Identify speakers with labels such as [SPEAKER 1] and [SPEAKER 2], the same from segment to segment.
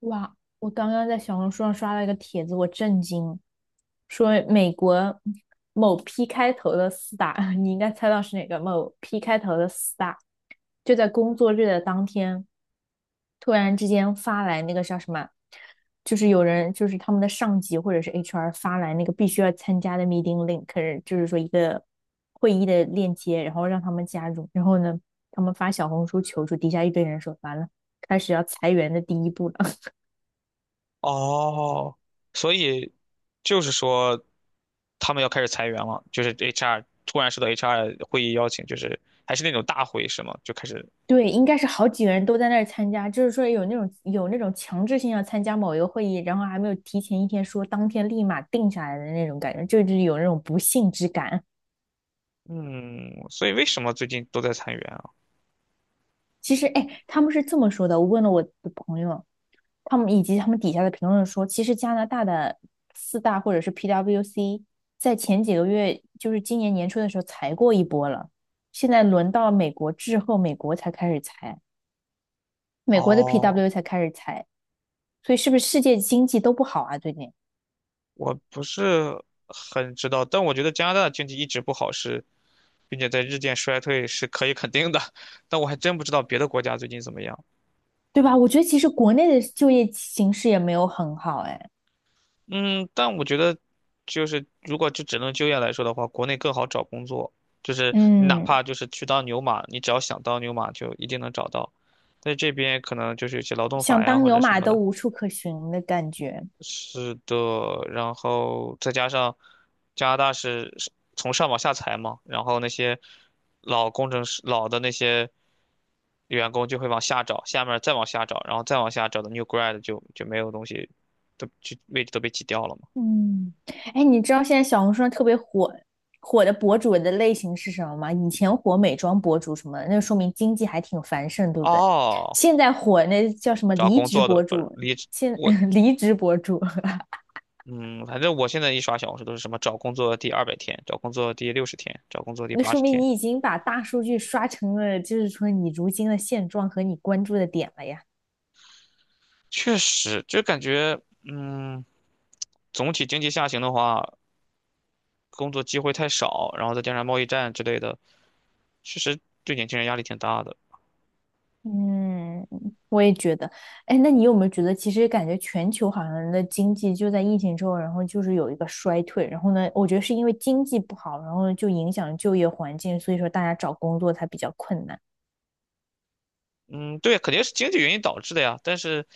[SPEAKER 1] 哇，我刚刚在小红书上刷了一个帖子，我震惊，说美国某 P 开头的四大，你应该猜到是哪个？某 P 开头的四大，就在工作日的当天，突然之间发来那个叫什么，就是有人就是他们的上级或者是 HR 发来那个必须要参加的 meeting link，可是就是说一个会议的链接，然后让他们加入，然后呢，他们发小红书求助，底下一堆人说完了，开始要裁员的第一步了。
[SPEAKER 2] 哦，所以就是说他们要开始裁员了，就是 HR 突然收到 HR 会议邀请，就是还是那种大会是吗？就开始，
[SPEAKER 1] 对，应该是好几个人都在那儿参加，就是说有那种强制性要参加某一个会议，然后还没有提前一天说，当天立马定下来的那种感觉，就是有那种不幸之感。
[SPEAKER 2] 嗯，所以为什么最近都在裁员啊？
[SPEAKER 1] 其实，哎，他们是这么说的，我问了我的朋友，他们以及他们底下的评论说，其实加拿大的四大或者是 PWC 在前几个月，就是今年年初的时候裁过一波了，现在轮到美国之后，美国才开始裁，美国的
[SPEAKER 2] 哦，
[SPEAKER 1] PW 才开始裁，所以是不是世界经济都不好啊？最近？
[SPEAKER 2] 我不是很知道，但我觉得加拿大的经济一直不好是，并且在日渐衰退是可以肯定的，但我还真不知道别的国家最近怎么样。
[SPEAKER 1] 对吧？我觉得其实国内的就业形势也没有很好，哎，
[SPEAKER 2] 嗯，但我觉得，就是如果就只能就业来说的话，国内更好找工作。就是你哪
[SPEAKER 1] 嗯，
[SPEAKER 2] 怕就是去当牛马，你只要想当牛马，就一定能找到。在这边可能就是有些劳动法
[SPEAKER 1] 想
[SPEAKER 2] 呀
[SPEAKER 1] 当
[SPEAKER 2] 或
[SPEAKER 1] 牛
[SPEAKER 2] 者什
[SPEAKER 1] 马
[SPEAKER 2] 么
[SPEAKER 1] 都
[SPEAKER 2] 的。
[SPEAKER 1] 无处可寻的感觉。
[SPEAKER 2] 是的，然后再加上加拿大是从上往下裁嘛，然后那些老工程师、老的那些员工就会往下找，下面儿再往下找，然后再往下找的 new grad 就没有东西，都就位置都被挤掉了嘛。
[SPEAKER 1] 嗯，哎，你知道现在小红书上特别火的博主的类型是什么吗？以前火美妆博主什么的，那说明经济还挺繁盛，对不对？
[SPEAKER 2] 哦，
[SPEAKER 1] 现在火那叫什么
[SPEAKER 2] 找
[SPEAKER 1] 离
[SPEAKER 2] 工
[SPEAKER 1] 职
[SPEAKER 2] 作的
[SPEAKER 1] 博
[SPEAKER 2] 不是
[SPEAKER 1] 主，
[SPEAKER 2] 离职。
[SPEAKER 1] 现
[SPEAKER 2] 我
[SPEAKER 1] 离职博主，
[SPEAKER 2] 嗯，反正我现在一刷小红书都是什么找工作第200天，找工作第60天，找工作第
[SPEAKER 1] 那
[SPEAKER 2] 八
[SPEAKER 1] 说
[SPEAKER 2] 十
[SPEAKER 1] 明
[SPEAKER 2] 天，
[SPEAKER 1] 你已经把大数据刷成了，就是说你如今的现状和你关注的点了呀。
[SPEAKER 2] 确实就感觉。嗯，总体经济下行的话，工作机会太少，然后再加上贸易战之类的，确实对年轻人压力挺大的。
[SPEAKER 1] 嗯，我也觉得。哎，那你有没有觉得，其实感觉全球好像人的经济就在疫情之后，然后就是有一个衰退，然后呢，我觉得是因为经济不好，然后就影响就业环境，所以说大家找工作才比较困难。
[SPEAKER 2] 嗯，对，肯定是经济原因导致的呀。但是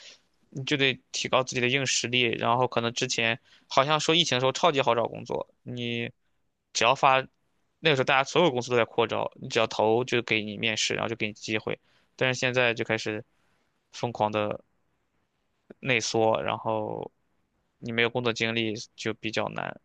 [SPEAKER 2] 你就得提高自己的硬实力，然后可能之前好像说疫情的时候超级好找工作，你只要发，那个时候大家所有公司都在扩招，你只要投就给你面试，然后就给你机会。但是现在就开始疯狂的内缩，然后你没有工作经历就比较难。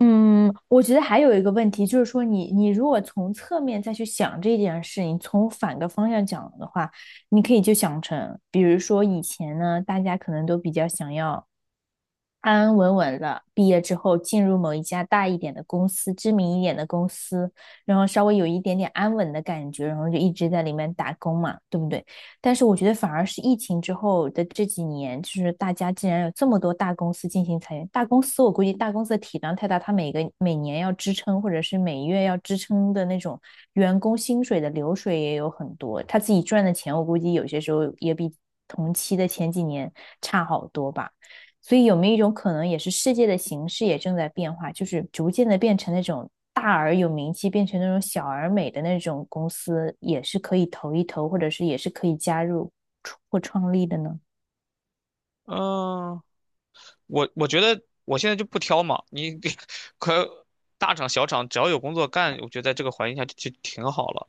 [SPEAKER 1] 嗯，我觉得还有一个问题就是说你，你如果从侧面再去想这件事情，从反个方向讲的话，你可以就想成，比如说以前呢，大家可能都比较想要。安安稳稳了，毕业之后进入某一家大一点的公司，知名一点的公司，然后稍微有一点点安稳的感觉，然后就一直在里面打工嘛，对不对？但是我觉得反而是疫情之后的这几年，就是大家竟然有这么多大公司进行裁员，大公司我估计大公司的体量太大，它每个每年要支撑或者是每月要支撑的那种员工薪水的流水也有很多，他自己赚的钱我估计有些时候也比同期的前几年差好多吧。所以有没有一种可能，也是世界的形势也正在变化，就是逐渐的变成那种大而有名气，变成那种小而美的那种公司，也是可以投一投，或者是也是可以加入或创立的呢？
[SPEAKER 2] 嗯，我觉得我现在就不挑嘛，你给 可大厂小厂只要有工作干，我觉得在这个环境下就挺好了。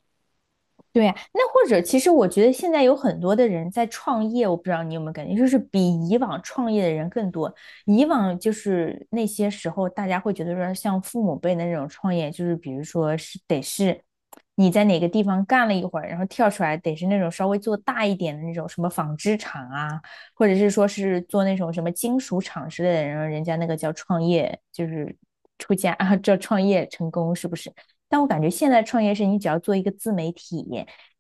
[SPEAKER 1] 对呀，那或者其实我觉得现在有很多的人在创业，我不知道你有没有感觉，就是比以往创业的人更多。以往就是那些时候，大家会觉得说，像父母辈的那种创业，就是比如说是得是你在哪个地方干了一会儿，然后跳出来，得是那种稍微做大一点的那种什么纺织厂啊，或者是说是做那种什么金属厂之类的，然后人家那个叫创业，就是出家啊，叫创业成功，是不是？但我感觉现在创业是你只要做一个自媒体，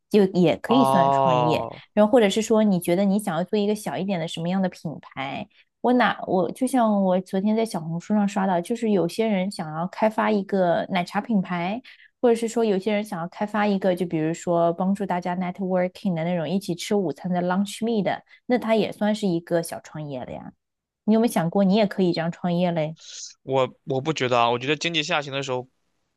[SPEAKER 1] 就也可以算创业。
[SPEAKER 2] 哦，
[SPEAKER 1] 然后或者是说，你觉得你想要做一个小一点的什么样的品牌？我就像我昨天在小红书上刷到，就是有些人想要开发一个奶茶品牌，或者是说有些人想要开发一个，就比如说帮助大家 networking 的那种一起吃午餐的 lunch meet 的，那它也算是一个小创业了呀。你有没有想过，你也可以这样创业嘞？
[SPEAKER 2] 我不觉得啊，我觉得经济下行的时候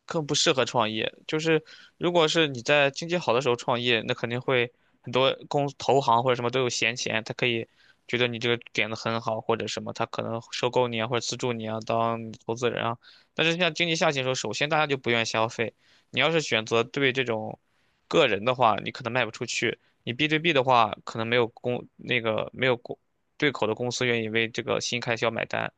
[SPEAKER 2] 更不适合创业。就是如果是你在经济好的时候创业，那肯定会很多公投行或者什么都有闲钱，他可以觉得你这个点子很好或者什么，他可能收购你啊或者资助你啊当你投资人啊。但是像经济下行的时候，首先大家就不愿意消费。你要是选择对这种个人的话，你可能卖不出去；你 B 对 B 的话，可能没有公那个没有公对口的公司愿意为这个新开销买单。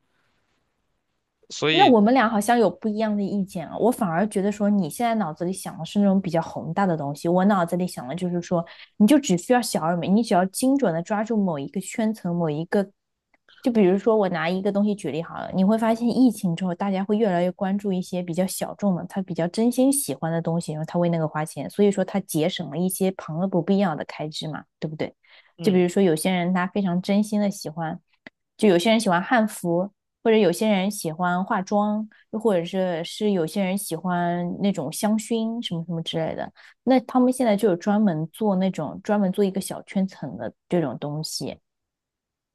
[SPEAKER 2] 所
[SPEAKER 1] 那
[SPEAKER 2] 以
[SPEAKER 1] 我们俩好像有不一样的意见啊，我反而觉得说你现在脑子里想的是那种比较宏大的东西，我脑子里想的就是说，你就只需要小而美，你只要精准的抓住某一个圈层，某一个，就比如说我拿一个东西举例好了，你会发现疫情之后，大家会越来越关注一些比较小众的，他比较真心喜欢的东西，然后他为那个花钱，所以说他节省了一些旁的不必要的开支嘛，对不对？就比
[SPEAKER 2] 嗯，
[SPEAKER 1] 如说有些人他非常真心的喜欢，就有些人喜欢汉服。或者有些人喜欢化妆，又或者是有些人喜欢那种香薰什么什么之类的。那他们现在就有专门做一个小圈层的这种东西，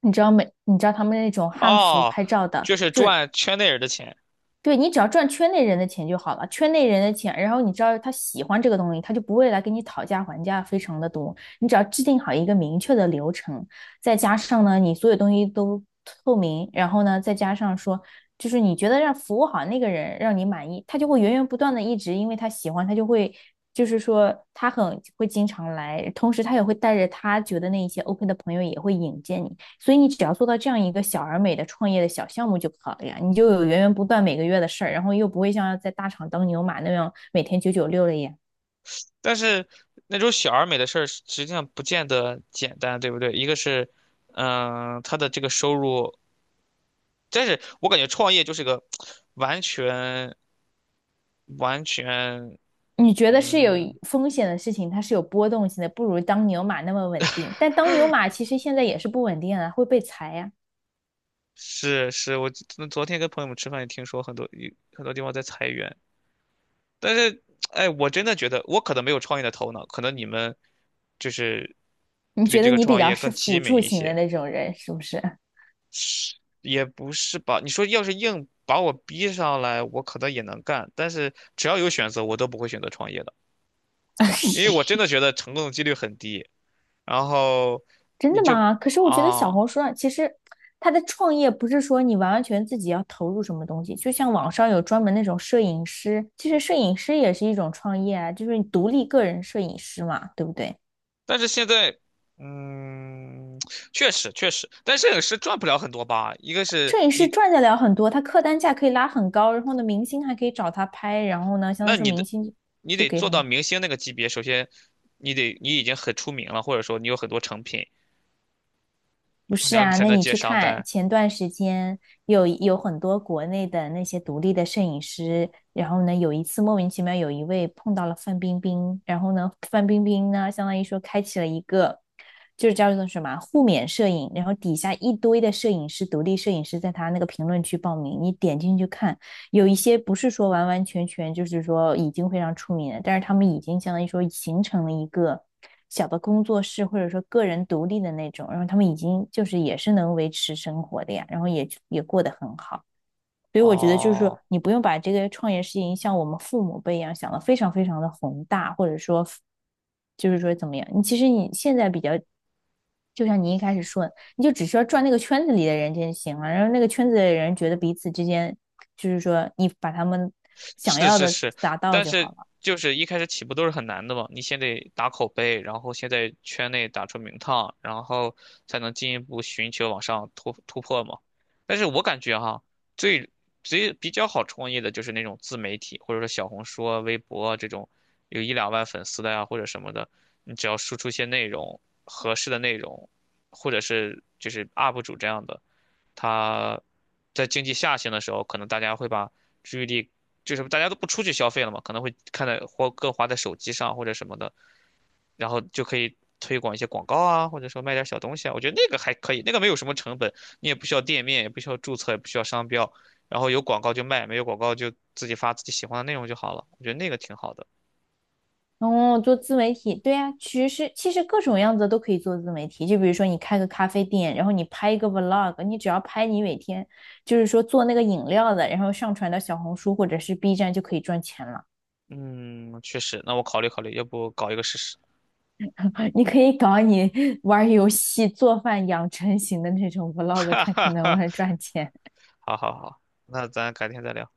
[SPEAKER 1] 你知道他们那种汉服
[SPEAKER 2] 哦，
[SPEAKER 1] 拍照的，
[SPEAKER 2] 就是赚圈内人的钱。
[SPEAKER 1] 对，你只要赚圈内人的钱就好了，圈内人的钱，然后你知道他喜欢这个东西，他就不会来跟你讨价还价，非常的多。你只要制定好一个明确的流程，再加上呢，你所有东西都透明，然后呢，再加上说，就是你觉得让服务好那个人让你满意，他就会源源不断的一直，因为他喜欢，他就会，就是说他很会经常来，同时他也会带着他觉得那一些 OK 的朋友也会引荐你，所以你只要做到这样一个小而美的创业的小项目就好了呀，你就有源源不断每个月的事儿，然后又不会像在大厂当牛马那样每天996了呀。
[SPEAKER 2] 但是那种小而美的事儿，实际上不见得简单，对不对？一个是，他的这个收入，但是我感觉创业就是个完全完全。
[SPEAKER 1] 你觉得是有
[SPEAKER 2] 嗯，
[SPEAKER 1] 风险的事情，它是有波动性的，不如当牛马那么稳定。但当牛马其实现在也是不稳定啊，会被裁呀、啊
[SPEAKER 2] 是是，我昨天跟朋友们吃饭也听说很多很多地方在裁员，但是哎，我真的觉得我可能没有创业的头脑，可能你们就是
[SPEAKER 1] 你
[SPEAKER 2] 对
[SPEAKER 1] 觉
[SPEAKER 2] 这
[SPEAKER 1] 得
[SPEAKER 2] 个
[SPEAKER 1] 你比
[SPEAKER 2] 创
[SPEAKER 1] 较
[SPEAKER 2] 业
[SPEAKER 1] 是
[SPEAKER 2] 更机
[SPEAKER 1] 辅
[SPEAKER 2] 敏
[SPEAKER 1] 助
[SPEAKER 2] 一
[SPEAKER 1] 型的
[SPEAKER 2] 些。
[SPEAKER 1] 那种人，是不是？
[SPEAKER 2] 也不是吧？你说要是硬把我逼上来，我可能也能干，但是只要有选择，我都不会选择创业的，因为我真的觉得成功的几率很低。然后
[SPEAKER 1] 真
[SPEAKER 2] 你
[SPEAKER 1] 的
[SPEAKER 2] 就
[SPEAKER 1] 吗？可是我觉得
[SPEAKER 2] 啊，
[SPEAKER 1] 小红书上其实它的创业不是说你完完全自己要投入什么东西，就像网上有专门那种摄影师，其实摄影师也是一种创业啊，就是你独立个人摄影师嘛，对不对？
[SPEAKER 2] 但是现在，嗯，确实确实，但摄影师赚不了很多吧？一个是
[SPEAKER 1] 摄影师
[SPEAKER 2] 你，
[SPEAKER 1] 赚得了很多，他客单价可以拉很高，然后呢，明星还可以找他拍，然后呢，相当于
[SPEAKER 2] 那
[SPEAKER 1] 说
[SPEAKER 2] 你
[SPEAKER 1] 明
[SPEAKER 2] 的
[SPEAKER 1] 星
[SPEAKER 2] 你
[SPEAKER 1] 就
[SPEAKER 2] 得
[SPEAKER 1] 给
[SPEAKER 2] 做到
[SPEAKER 1] 很
[SPEAKER 2] 明星那个级别，首先你已经很出名了，或者说你有很多成品，
[SPEAKER 1] 不是
[SPEAKER 2] 然后你
[SPEAKER 1] 啊，
[SPEAKER 2] 才
[SPEAKER 1] 那
[SPEAKER 2] 能
[SPEAKER 1] 你
[SPEAKER 2] 接
[SPEAKER 1] 去
[SPEAKER 2] 商
[SPEAKER 1] 看
[SPEAKER 2] 单。
[SPEAKER 1] 前段时间有很多国内的那些独立的摄影师，然后呢，有一次莫名其妙有一位碰到了范冰冰，然后呢，范冰冰呢，相当于说开启了一个就是叫做什么啊互免摄影，然后底下一堆的摄影师，独立摄影师在他那个评论区报名，你点进去看，有一些不是说完完全全就是说已经非常出名了，但是他们已经相当于说形成了一个小的工作室，或者说个人独立的那种，然后他们已经就是也是能维持生活的呀，然后也过得很好。所以我觉得就是说，
[SPEAKER 2] 哦，
[SPEAKER 1] 你不用把这个创业事情像我们父母辈一样想的非常非常的宏大，或者说，就是说怎么样？你其实你现在比较，就像你一开始说的，你就只需要转那个圈子里的人就行了，然后那个圈子的人觉得彼此之间，就是说你把他们想
[SPEAKER 2] 是
[SPEAKER 1] 要
[SPEAKER 2] 是
[SPEAKER 1] 的
[SPEAKER 2] 是，
[SPEAKER 1] 达到
[SPEAKER 2] 但
[SPEAKER 1] 就好
[SPEAKER 2] 是
[SPEAKER 1] 了。
[SPEAKER 2] 就是一开始起步都是很难的嘛，你先得打口碑，然后先在圈内打出名堂，然后才能进一步寻求往上突破嘛。但是我感觉哈，最最比较好创业的就是那种自媒体，或者说小红书啊、微博啊这种有一两万粉丝的呀、或者什么的，你只要输出一些内容，合适的内容，或者是就是 UP 主这样的。它在经济下行的时候，可能大家会把注意力，就是大家都不出去消费了嘛，可能会看在或更花在手机上或者什么的，然后就可以推广一些广告啊，或者说卖点小东西啊。我觉得那个还可以，那个没有什么成本，你也不需要店面，也不需要注册，也不需要商标，然后有广告就卖，没有广告就自己发自己喜欢的内容就好了。我觉得那个挺好的。
[SPEAKER 1] 哦，做自媒体，对呀，其实各种样子都可以做自媒体。就比如说你开个咖啡店，然后你拍一个 vlog，你只要拍你每天就是说做那个饮料的，然后上传到小红书或者是 B 站就可以赚钱了。
[SPEAKER 2] 嗯，确实，那我考虑考虑，要不搞一个试试。
[SPEAKER 1] 你可以搞你玩游戏、做饭、养成型的那种 vlog，
[SPEAKER 2] 哈
[SPEAKER 1] 看
[SPEAKER 2] 哈
[SPEAKER 1] 看能不
[SPEAKER 2] 哈，
[SPEAKER 1] 能赚钱。
[SPEAKER 2] 好好好，那咱改天再聊。